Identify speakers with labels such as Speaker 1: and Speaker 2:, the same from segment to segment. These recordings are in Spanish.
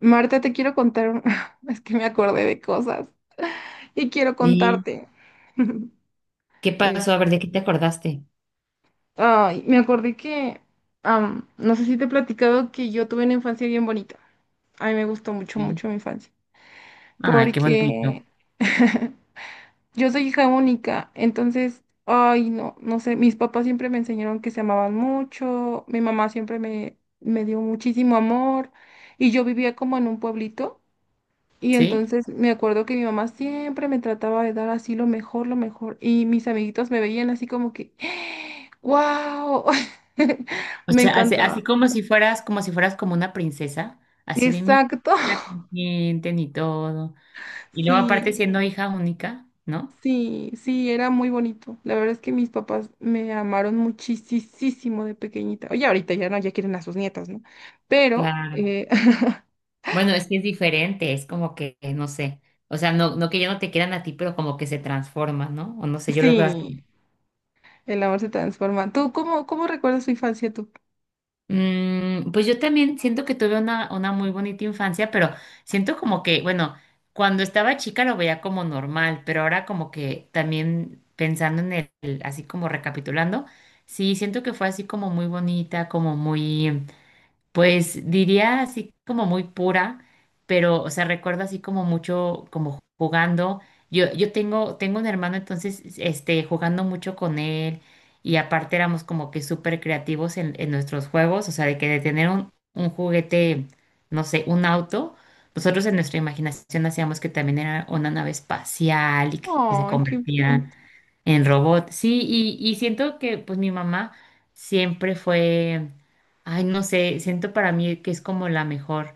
Speaker 1: Marta, te quiero contar, es que me acordé de cosas y quiero
Speaker 2: ¿Y
Speaker 1: contarte.
Speaker 2: qué pasó?
Speaker 1: Es-
Speaker 2: A ver, ¿de qué te acordaste?
Speaker 1: Ay, me acordé que, no sé si te he platicado que yo tuve una infancia bien bonita. A mí me gustó mucho,
Speaker 2: Sí.
Speaker 1: mucho mi infancia,
Speaker 2: Ay, qué
Speaker 1: porque
Speaker 2: bonito.
Speaker 1: yo soy hija única, entonces, ay, no, no sé, mis papás siempre me enseñaron que se amaban mucho, mi mamá siempre me dio muchísimo amor y yo vivía como en un pueblito. Y
Speaker 2: ¿Sí?
Speaker 1: entonces me acuerdo que mi mamá siempre me trataba de dar así lo mejor, lo mejor. Y mis amiguitos me veían así como que, ¡wow!
Speaker 2: O
Speaker 1: Me
Speaker 2: sea, así, así
Speaker 1: encantaba.
Speaker 2: como si fueras, como si fueras como una princesa, así de mí,
Speaker 1: Exacto.
Speaker 2: la consienten y todo. Y luego aparte
Speaker 1: Sí,
Speaker 2: siendo hija única, ¿no?
Speaker 1: sí, sí, era muy bonito. La verdad es que mis papás me amaron muchísimo de pequeñita. Oye, ahorita ya no, ya quieren a sus nietas, ¿no? Pero,
Speaker 2: Claro. Bueno, es que es diferente, es como que, no sé, o sea, no, no que ya no te quieran a ti, pero como que se transforma, ¿no? O no sé, yo lo veo así.
Speaker 1: sí, el amor se transforma. ¿Tú cómo, cómo recuerdas tu infancia tú?
Speaker 2: Pues yo también siento que tuve una muy bonita infancia, pero siento como que, bueno, cuando estaba chica lo veía como normal, pero ahora como que también pensando en el, así como recapitulando, sí, siento que fue así como muy bonita, como muy... Pues diría así como muy pura, pero, o sea, recuerdo así como mucho, como jugando. Yo tengo, tengo un hermano, entonces, este, jugando mucho con él y aparte éramos como que súper creativos en nuestros juegos, o sea, de que de tener un juguete, no sé, un auto, nosotros en nuestra imaginación hacíamos que también era una nave espacial y que se
Speaker 1: Ay, qué
Speaker 2: convertía.
Speaker 1: bonito.
Speaker 2: En robot, sí, y siento que pues mi mamá siempre fue, ay, no sé, siento para mí que es como la mejor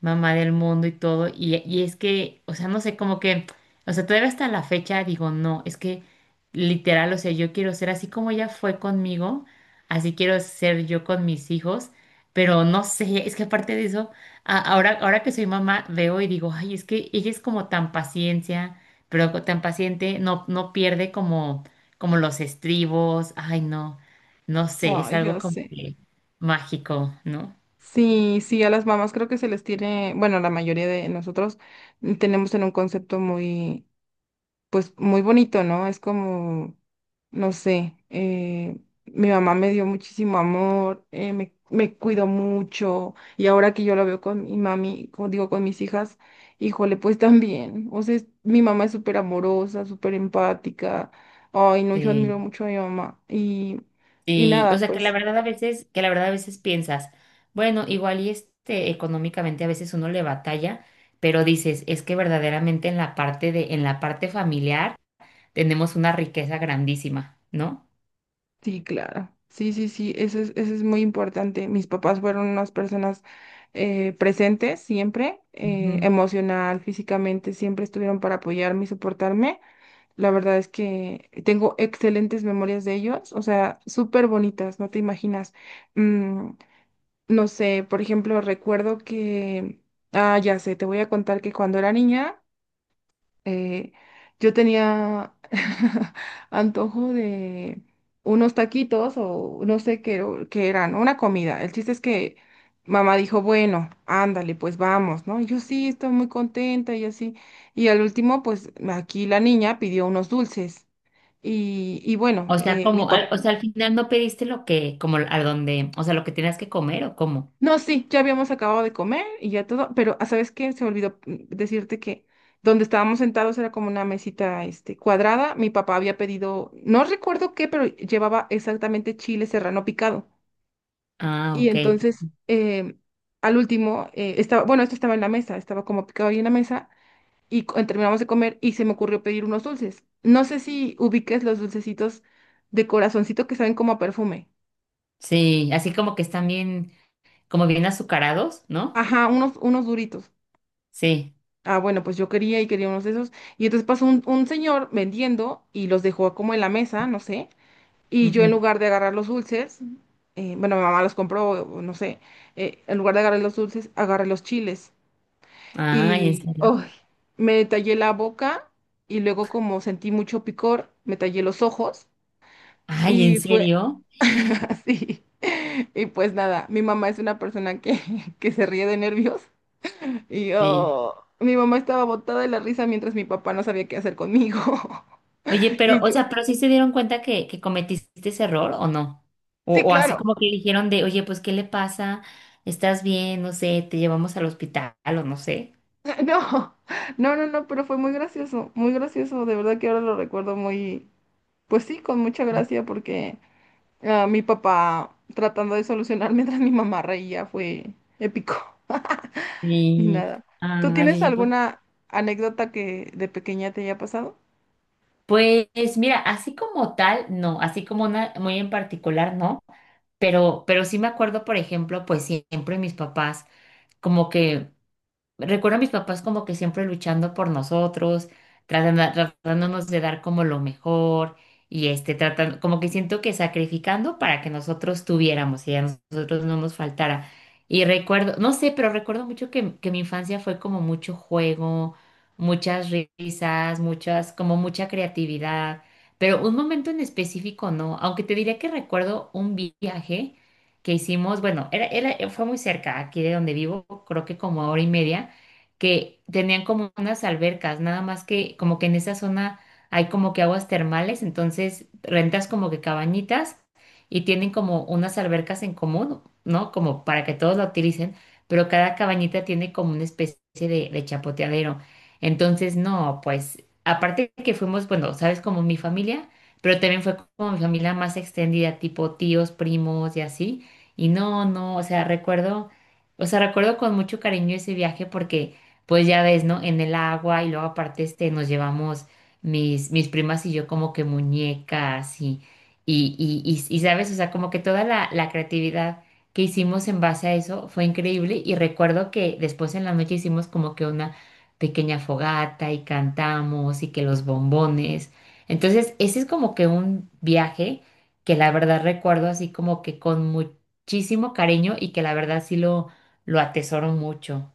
Speaker 2: mamá del mundo y todo, y es que, o sea, no sé, como que, o sea, todavía hasta la fecha digo, no, es que literal, o sea, yo quiero ser así como ella fue conmigo, así quiero ser yo con mis hijos, pero no sé, es que aparte de eso, ahora, ahora que soy mamá, veo y digo, ay, es que ella es como tan paciencia pero tan paciente no, no pierde como, como los estribos. Ay, no, no sé, es
Speaker 1: Ay,
Speaker 2: algo
Speaker 1: yo
Speaker 2: como
Speaker 1: sé.
Speaker 2: que mágico, ¿no?
Speaker 1: Sí, sí, a las mamás creo que se les tiene, bueno, la mayoría de nosotros tenemos en un concepto muy, pues muy bonito, ¿no? Es como, no sé, mi mamá me dio muchísimo amor, me cuidó mucho y ahora que yo lo veo con mi mami, como digo, con mis hijas, híjole, pues también, o sea, mi mamá es súper amorosa, súper empática, ay, no, yo
Speaker 2: Sí.
Speaker 1: admiro mucho a mi mamá y
Speaker 2: Sí, o
Speaker 1: nada,
Speaker 2: sea que la
Speaker 1: pues...
Speaker 2: verdad a veces, que la verdad a veces piensas, bueno, igual y este económicamente a veces uno le batalla, pero dices, es que verdaderamente en la parte de, en la parte familiar tenemos una riqueza grandísima, ¿no?
Speaker 1: Sí, claro. Sí, sí, sí, eso es muy importante. Mis papás fueron unas personas presentes siempre,
Speaker 2: Ujú.
Speaker 1: emocional, físicamente, siempre estuvieron para apoyarme y soportarme. La verdad es que tengo excelentes memorias de ellos, o sea, súper bonitas, no te imaginas. Mm, no sé, por ejemplo, recuerdo que, ah, ya sé, te voy a contar que cuando era niña eh, yo tenía antojo de unos taquitos o no sé qué, qué eran, una comida. El chiste es que mamá dijo, bueno, ándale, pues vamos, ¿no? Y yo sí, estoy muy contenta y así. Y al último, pues aquí la niña pidió unos dulces. Y bueno,
Speaker 2: O sea,
Speaker 1: mi
Speaker 2: como, o sea, al final no pediste lo que, como a donde, o sea, lo que tenías que comer o cómo.
Speaker 1: No, sí, ya habíamos acabado de comer y ya todo, pero ah, ¿sabes qué? Se me olvidó decirte que donde estábamos sentados era como una mesita este, cuadrada. Mi papá había pedido, no recuerdo qué, pero llevaba exactamente chile serrano picado.
Speaker 2: Ah,
Speaker 1: Y
Speaker 2: ok.
Speaker 1: entonces, al último, estaba, bueno, esto estaba en la mesa, estaba como picado ahí en la mesa y terminamos de comer y se me ocurrió pedir unos dulces. No sé si ubiques los dulcecitos de corazoncito que saben como a perfume.
Speaker 2: Sí, así como que están bien, como bien azucarados, ¿no?
Speaker 1: Ajá, unos, unos duritos.
Speaker 2: Sí.
Speaker 1: Ah, bueno, pues yo quería y quería unos de esos. Y entonces pasó un señor vendiendo y los dejó como en la mesa, no sé. Y yo en
Speaker 2: Ujú.
Speaker 1: lugar de agarrar los dulces, bueno, mi mamá los compró, o no sé, en lugar de agarrar los dulces, agarré los chiles.
Speaker 2: Ay, ¿en
Speaker 1: Y ¡ay!
Speaker 2: serio?
Speaker 1: Me tallé la boca y luego como sentí mucho picor, me tallé los ojos
Speaker 2: Ay, ¿en
Speaker 1: y fue
Speaker 2: serio? Sí.
Speaker 1: así. Y pues nada, mi mamá es una persona que, que se ríe de nervios y yo, mi mamá estaba botada de la risa mientras mi papá no sabía qué hacer conmigo.
Speaker 2: Oye, pero,
Speaker 1: Y
Speaker 2: o
Speaker 1: yo,
Speaker 2: sea, ¿pero sí se dieron cuenta que cometiste ese error o no?
Speaker 1: sí,
Speaker 2: O así
Speaker 1: claro.
Speaker 2: como que dijeron de, oye, pues, ¿qué le pasa? ¿Estás bien? No sé, te llevamos al hospital o no sé.
Speaker 1: No, no, no, no, pero fue muy gracioso, muy gracioso. De verdad que ahora lo recuerdo muy, pues sí, con mucha gracia porque ah, mi papá tratando de solucionar mientras mi mamá reía fue épico. Y
Speaker 2: Sí.
Speaker 1: nada. ¿Tú
Speaker 2: Ay,
Speaker 1: tienes
Speaker 2: oye, pues,
Speaker 1: alguna anécdota que de pequeña te haya pasado?
Speaker 2: pues mira, así como tal, no, así como una muy en particular, no, pero sí me acuerdo, por ejemplo, pues siempre mis papás, como que recuerdo a mis papás como que siempre luchando por nosotros, tratándonos de dar como lo mejor y este tratando, como que siento que sacrificando para que nosotros tuviéramos y a nosotros no nos faltara. Y recuerdo, no sé, pero recuerdo mucho que mi infancia fue como mucho juego, muchas risas, muchas, como mucha creatividad, pero un momento en específico no, aunque te diría que recuerdo un viaje que hicimos, bueno, era, fue muy cerca aquí de donde vivo, creo que como a hora y media, que tenían como unas albercas, nada más que como que en esa zona hay como que aguas termales, entonces rentas como que cabañitas y tienen como unas albercas en común, ¿no? Como para que todos la utilicen, pero cada cabañita tiene como una especie de chapoteadero. Entonces, no, pues aparte que fuimos, bueno, sabes, como mi familia, pero también fue como mi familia más extendida, tipo tíos, primos y así. Y no, no, o sea, recuerdo con mucho cariño ese viaje porque pues ya ves, ¿no? En el agua y luego aparte este nos llevamos mis, mis primas y yo como que muñecas y, sabes, o sea, como que toda la, la creatividad que hicimos en base a eso fue increíble y recuerdo que después en la noche hicimos como que una pequeña fogata y cantamos y que los bombones. Entonces, ese es como que un viaje que la verdad recuerdo así como que con muchísimo cariño y que la verdad sí lo atesoro mucho.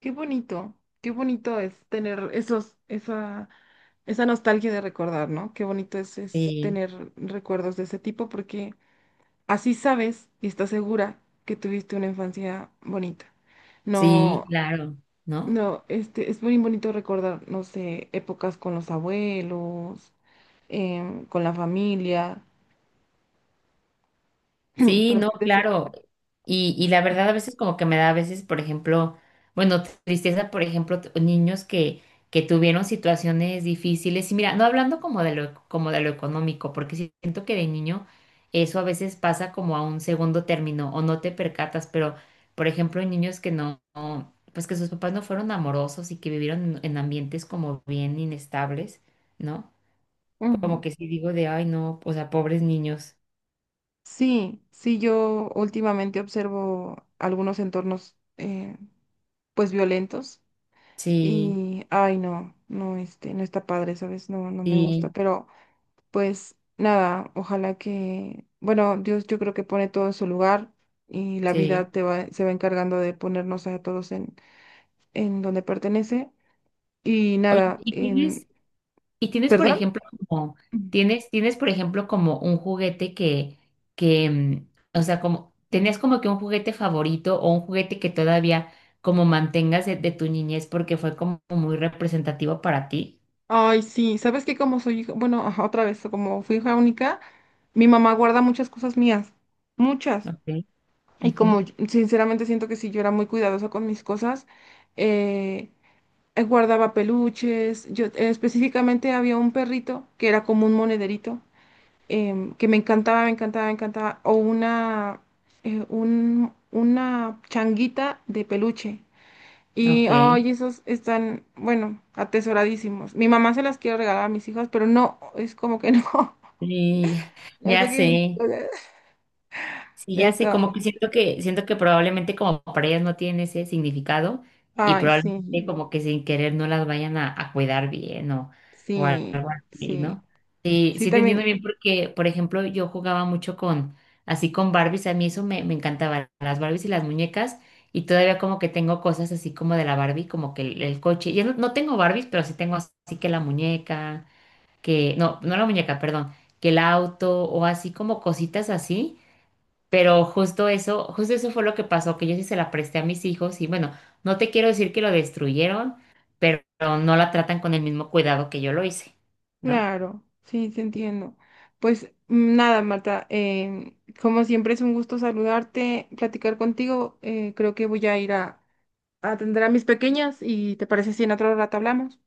Speaker 1: Qué bonito, qué bonito es tener esos, esa Esa nostalgia de recordar, ¿no? Qué bonito es
Speaker 2: Sí.
Speaker 1: tener recuerdos de ese tipo porque así sabes y estás segura que tuviste una infancia bonita. No,
Speaker 2: Sí, claro, ¿no?
Speaker 1: no, este, es muy bonito recordar, no sé, épocas con los abuelos, con la familia.
Speaker 2: Sí,
Speaker 1: Perdón,
Speaker 2: no,
Speaker 1: desde-
Speaker 2: claro. Y la verdad a veces como que me da a veces, por ejemplo, bueno, tristeza, por ejemplo, niños que tuvieron situaciones difíciles. Y mira, no hablando como de lo económico, porque sí siento que de niño eso a veces pasa como a un segundo término o no te percatas, pero por ejemplo, niños que no, no, pues que sus papás no fueron amorosos y que vivieron en ambientes como bien inestables, ¿no? Como
Speaker 1: Ujú.
Speaker 2: que sí digo de, ay, no, o sea, pobres niños.
Speaker 1: Sí, sí, yo últimamente observo algunos entornos, pues violentos
Speaker 2: Sí,
Speaker 1: y, ay, no, no, este, no está padre, ¿sabes? No, no me gusta,
Speaker 2: sí,
Speaker 1: pero pues nada, ojalá que, bueno, Dios yo creo que pone todo en su lugar y la
Speaker 2: sí.
Speaker 1: vida te va, se va encargando de ponernos a todos en donde pertenece. Y
Speaker 2: Oye,
Speaker 1: nada,
Speaker 2: y tienes, por
Speaker 1: ¿perdón?
Speaker 2: ejemplo, como,
Speaker 1: Mm.
Speaker 2: tienes, tienes, por ejemplo, como un juguete que, o sea, como, ¿tenías como que un juguete favorito o un juguete que todavía como mantengas de tu niñez porque fue como muy representativo para ti?
Speaker 1: Ay, sí, sabes que como soy hija, bueno, ajá, otra vez, como fui hija única, mi mamá guarda muchas cosas mías, muchas.
Speaker 2: Ok.
Speaker 1: Y como
Speaker 2: Ujú.
Speaker 1: sinceramente siento que si yo era muy cuidadosa con mis cosas, eh, guardaba peluches, yo específicamente había un perrito que era como un monederito que me encantaba, me encantaba, me encantaba, o una, una changuita de peluche. Y
Speaker 2: Ok.
Speaker 1: ay, esos están, bueno, atesoradísimos. Mi mamá se las quiere regalar a mis hijas, pero no, es como que no.
Speaker 2: Sí,
Speaker 1: Ya sé
Speaker 2: ya
Speaker 1: que
Speaker 2: sé. Sí, ya sé,
Speaker 1: está.
Speaker 2: como que siento que, siento que probablemente como para ellas no tienen ese significado y
Speaker 1: Ay,
Speaker 2: probablemente
Speaker 1: sí,
Speaker 2: como que sin querer no las vayan a cuidar bien o algo
Speaker 1: sí,
Speaker 2: así,
Speaker 1: sí.
Speaker 2: ¿no? Sí,
Speaker 1: Sí,
Speaker 2: sí te entiendo
Speaker 1: también,
Speaker 2: bien porque, por ejemplo, yo jugaba mucho con, así con Barbies, a mí eso me, me encantaba, las Barbies y las muñecas y todavía como que tengo cosas así como de la Barbie, como que el coche, yo no, no tengo Barbies, pero sí tengo así que la muñeca, que, no, no la muñeca, perdón, que el auto o así como cositas así pero justo eso fue lo que pasó, que yo sí se la presté a mis hijos y bueno, no te quiero decir que lo destruyeron, pero no la tratan con el mismo cuidado que yo lo hice, ¿no?
Speaker 1: claro, sí, te entiendo. Pues nada, Marta, como siempre es un gusto saludarte, platicar contigo. Eh, creo que voy a ir a, atender a mis pequeñas y te parece si en otro rato hablamos.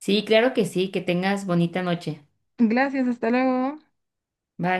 Speaker 2: Sí, claro que sí, que tengas bonita noche.
Speaker 1: Gracias, hasta luego.
Speaker 2: Bye.